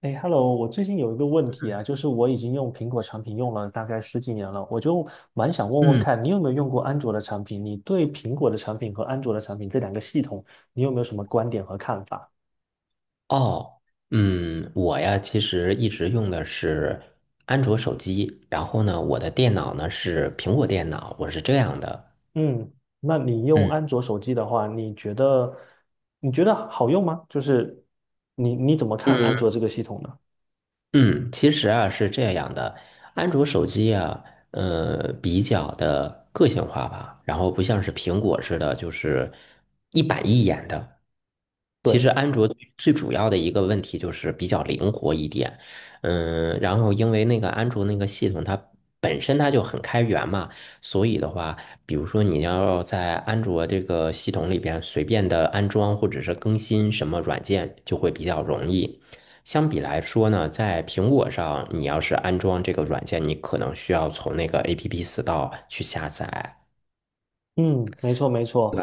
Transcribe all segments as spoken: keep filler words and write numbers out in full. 哎，Hello，我最近有一个问题啊，就是我已经用苹果产品用了大概十几年了，我就蛮想问问嗯，看，你有没有用过安卓的产品？你对苹果的产品和安卓的产品这两个系统，你有没有什么观点和看法？哦，嗯，我呀，其实一直用的是安卓手机，然后呢，我的电脑呢是苹果电脑，我是这样的。嗯，那你用嗯。安卓手机的话，你觉得你觉得好用吗？就是你你怎么看嗯安卓这个系统呢？嗯，其实啊是这样的，安卓手机啊，呃，比较的个性化吧，然后不像是苹果似的，就是一板一眼的。其实对，安卓最最主要的一个问题就是比较灵活一点，嗯，然后因为那个安卓那个系统它本身它就很开源嘛，所以的话，比如说你要在安卓这个系统里边随便的安装或者是更新什么软件，就会比较容易。相比来说呢，在苹果上，你要是安装这个软件，你可能需要从那个 A P P Store 去下载，嗯，没错没错，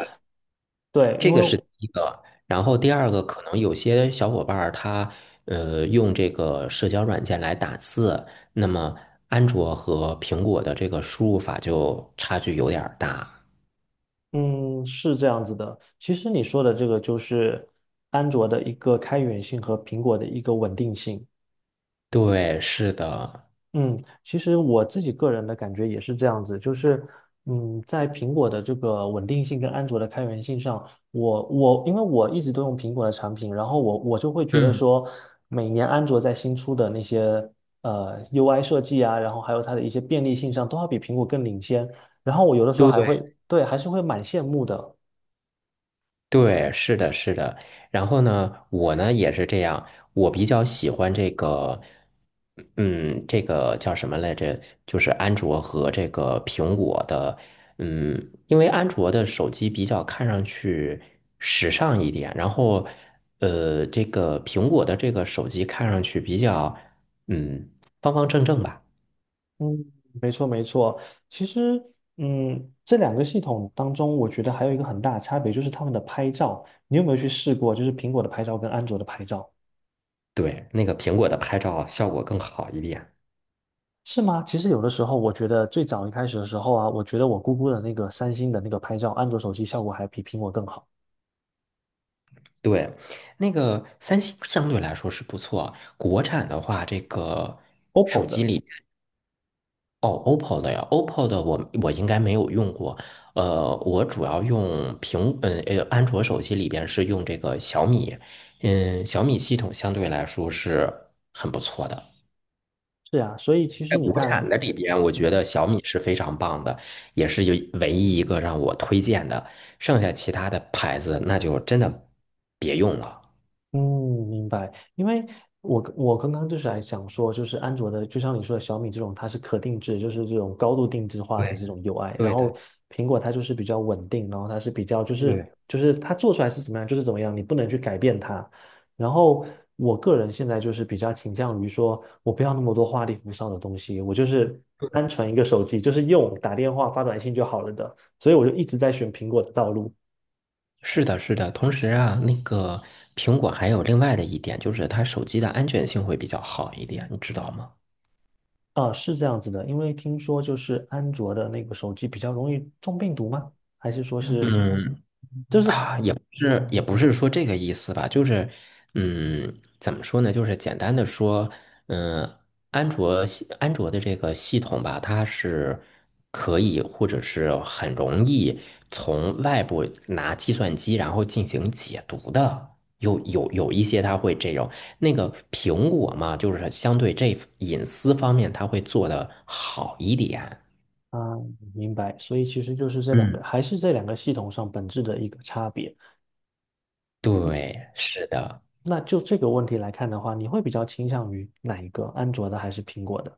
对，这因为。个是第一个。然后嗯。第二个，可能有些小伙伴儿他呃用这个社交软件来打字，那么安卓和苹果的这个输入法就差距有点儿大。嗯，是这样子的。其实你说的这个就是安卓的一个开源性和苹果的一个稳定性。对，是的。嗯，其实我自己个人的感觉也是这样子，就是嗯，在苹果的这个稳定性跟安卓的开源性上，我我因为我一直都用苹果的产品，然后我我就会觉得嗯，说，每年安卓在新出的那些呃 U I 设计啊，然后还有它的一些便利性上，都要比苹果更领先。然后我有的时候对，还会，对，还是会蛮羡慕的。对，是的，是的。然后呢，我呢也是这样，我比较喜欢这个，嗯，这个叫什么来着？就是安卓和这个苹果的，嗯，因为安卓的手机比较看上去时尚一点，然后，呃，这个苹果的这个手机看上去比较，嗯，方方正正吧。嗯，没错没错。其实，嗯，这两个系统当中，我觉得还有一个很大的差别就是他们的拍照。你有没有去试过，就是苹果的拍照跟安卓的拍照？对，那个苹果的拍照效果更好一点。是吗？其实有的时候，我觉得最早一开始的时候啊，我觉得我姑姑的那个三星的那个拍照，安卓手机效果还比苹果更好对，那个三星相对来说是不错。国产的话，这个，O P P O 的。哦，O P P O 的呀，O P P O 的我我应该没有用过。呃，我主要用苹，嗯呃，安卓手机里边是用这个小米，嗯，小米系统相对来说是很不错的。是啊，所以其实在你国看。产的里边，我觉得小米是非常棒的，也是有唯一一个让我推荐的。剩下其他的牌子，那就真的别用了。嗯，明白。因为我我刚刚就是还想说，就是安卓的，就像你说的小米这种，它是可定制，就是这种高度定制化的对，这种 U I。然对后的，苹果它就是比较稳定，然后它是比较就是对。就是它做出来是怎么样就是怎么样，你不能去改变它。然后我个人现在就是比较倾向于说，我不要那么多花里胡哨的东西，我就是单纯一个手机，就是用打电话发短信就好了的。所以我就一直在选苹果的道路。是的，是的。同时啊，那个苹果还有另外的一点，就是它手机的安全性会比较好一点，你知道吗？啊，是这样子的，因为听说就是安卓的那个手机比较容易中病毒吗？还是说是，嗯，就是是也不是说这个意思吧，就是嗯，怎么说呢？就是简单的说，嗯，安卓系安卓的这个系统吧，它是可以或者是很容易从外部拿计算机然后进行解读的。有有有一些它会这种，那个苹果嘛，就是相对这隐私方面，它会做得好一点。啊，明白，所以其实就是这两个，嗯，还是这两个系统上本质的一个差别。对，是的。那就这个问题来看的话，你会比较倾向于哪一个，安卓的还是苹果的？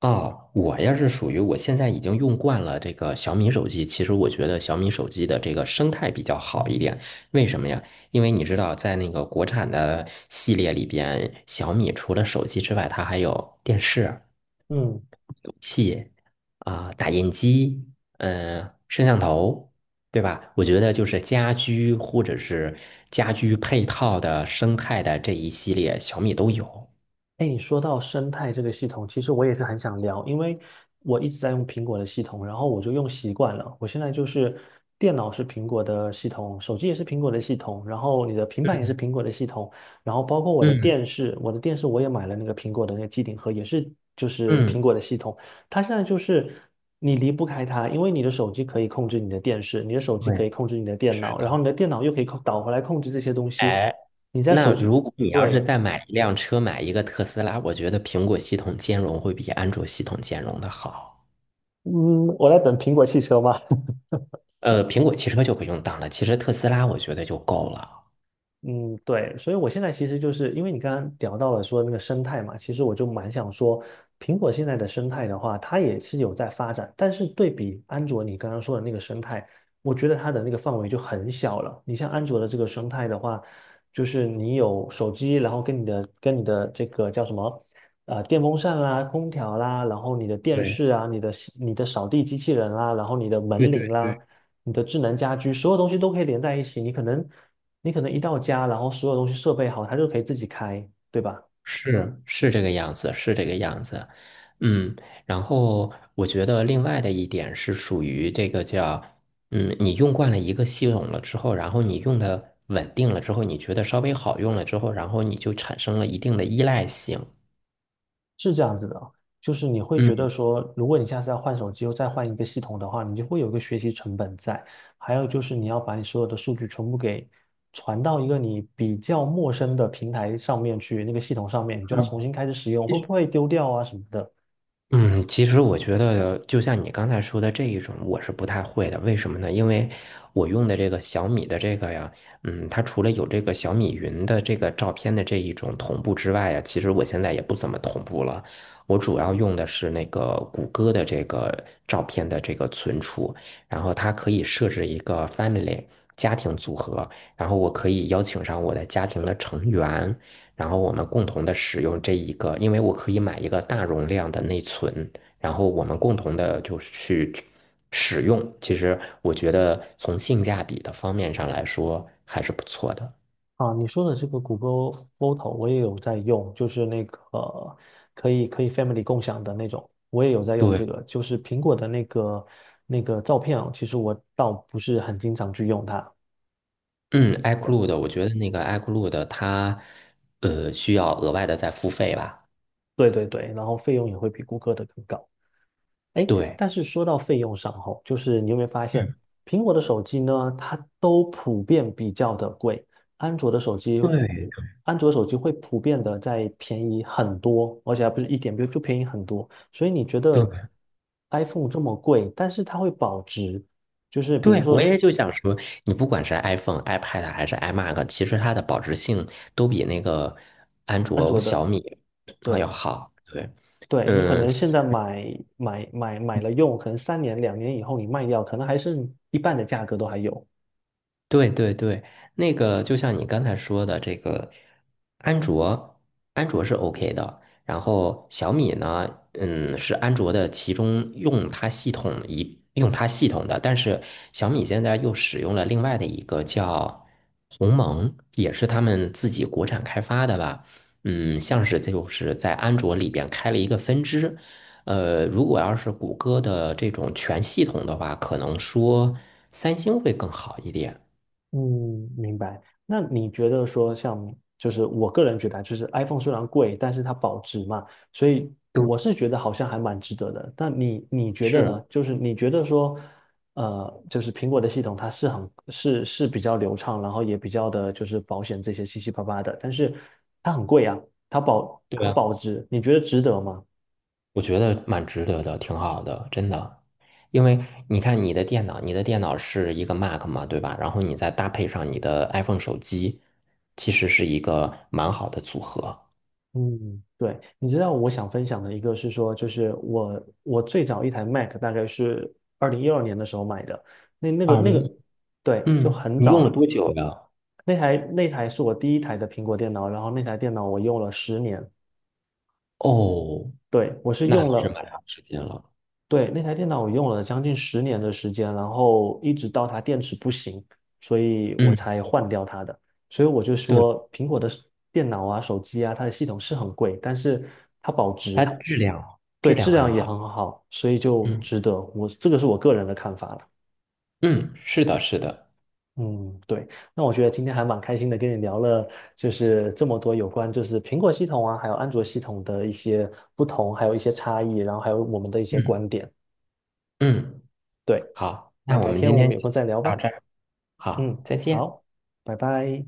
哦，我要是属于我现在已经用惯了这个小米手机。其实我觉得小米手机的这个生态比较好一点，为什么呀？因为你知道，在那个国产的系列里边，小米除了手机之外，它还有电视嗯啊、打印机、嗯、摄像头，对吧？我觉得就是家居或者是家居配套的生态的这一系列，小米都有。哎，你说到生态这个系统，其实我也是很想聊，因为我一直在用苹果的系统，然后我就用习惯了。我现在就是电脑是苹果的系统，手机也是苹果的系统，然后你的平板也是嗯苹果的系统，然后包括我的嗯电视，我的电视我也买了那个苹果的那个机顶盒，也是就是苹嗯，果的系统。它现在就是你离不开它，因为你的手机可以控制你的电视，你的手机可对，以控制你的电是脑，然后你的。的电脑又可以控导回来控制这些东西。你在那手机，如果你要是对。再买一辆车，买一个特斯拉，我觉得苹果系统兼容会比安卓系统兼容的好。嗯，我在等苹果汽车嘛，呃，苹果汽车就不用当了，其实特斯拉我觉得就够了。嗯，对，所以我现在其实就是因为你刚刚聊到了说那个生态嘛，其实我就蛮想说，苹果现在的生态的话，它也是有在发展，但是对比安卓你刚刚说的那个生态，我觉得它的那个范围就很小了。你像安卓的这个生态的话，就是你有手机，然后跟你的跟你的这个叫什么，呃，电风扇啦、空调啦，然后你的电对视啊、你的你的扫地机器人啦，然后你的对门对铃啦。对，你的智能家居，所有东西都可以连在一起。你可能你可能一到家，然后所有东西设备好，它就可以自己开，对吧？是是这个样子，是这个样子，嗯，然后我觉得另外的一点是属于这个叫，嗯，你用惯了一个系统了之后，然后你用的稳定了之后，你觉得稍微好用了之后，然后你就产生了一定的依赖性，是这样子的哦，就是你会觉嗯。得说，如果你下次要换手机又再换一个系统的话，你就会有一个学习成本在。还有就是你要把你所有的数据全部给传到一个你比较陌生的平台上面去，那个系统上面，你就要重新开始使用，会不会丢掉啊什么的？嗯，其实我觉得，就像你刚才说的这一种，我是不太会的。为什么呢？因为我用的这个小米的这个呀，嗯，它除了有这个小米云的这个照片的这一种同步之外呀，其实我现在也不怎么同步了。我主要用的是那个谷歌的这个照片的这个存储，然后它可以设置一个 family 家庭组合，然后我可以邀请上我的家庭的成员，然后我们共同的使用这一个，因为我可以买一个大容量的内存，然后我们共同的就是去使用。其实我觉得从性价比的方面上来说还是不错的。啊，你说的这个谷歌 Photo 我也有在用，就是那个可以可以 family 共享的那种，我也有在用对，这个。就是苹果的那个那个照片啊，其实我倒不是很经常去用它。嗯，iCloud,我觉得那个 iCloud 它呃需要额外的再付费吧？对对对，然后费用也会比谷歌的更高。哎，对。但是说到费用上吼，就是你有没有发现，苹果的手机呢，它都普遍比较的贵，安卓的手机，对安卓手机会普遍的在便宜很多，而且还不是一点，比如就便宜很多。所以你觉得 对 iPhone 这么贵，但是它会保值，就是比如对，我说也就想说，你不管是 iPhone、iPad 还是 iMac,其实它的保值性都比那个安安卓、卓小的，米要对好。对。对，你可嗯。能现在买买买买了用，可能三年两年以后你卖掉，可能还剩一半的价格都还有。对对对，那个就像你刚才说的，这个安卓，安卓是 OK 的。然后小米呢，嗯，是安卓的其中用它系统一用它系统的，但是小米现在又使用了另外的一个叫鸿蒙，也是他们自己国产开发的吧？嗯，像是就是在安卓里边开了一个分支。呃，如果要是谷歌的这种全系统的话，可能说三星会更好一点。嗯，明白。那你觉得说像，就是我个人觉得啊就是 iPhone 虽然贵，但是它保值嘛，所以都我是觉得好像还蛮值得的。那你你觉得是，呢？就是你觉得说，呃，就是苹果的系统它是很是是比较流畅，然后也比较的就是保险这些七七八八的，但是它很贵啊，它保对它啊，保值，你觉得值得吗？我觉得蛮值得的，挺好的，真的。因为你看你的电脑，你的电脑是一个 Mac 嘛，对吧？然后你再搭配上你的 iPhone 手机，其实是一个蛮好的组合。嗯，对，你知道我想分享的一个是说，就是我我最早一台 Mac 大概是二零一二年的时候买的，那那个二那个，零，对，就嗯，很你用了早，多久呀？那台那台是我第一台的苹果电脑，然后那台电脑我用了十年，哦，对，我是那还用是了蛮长时间了。对，那台电脑我用了将近十年的时间，然后一直到它电池不行，所以我嗯，才换掉它的。所以我就对，说，苹果的电脑啊、手机啊，它的系统是很贵，但是它保它值，质量对，质质量很量也好。很好，所以就嗯值得。我这个是我个人的看法了。嗯，是的，是的。嗯，对。那我觉得今天还蛮开心的，跟你聊了就是这么多有关就是苹果系统啊，还有安卓系统的一些不同，还有一些差异，然后还有我们的一些嗯观点。嗯，对，好，那那我改们天今我天们就有空再聊到吧。这儿。好，嗯，再见。好，拜拜。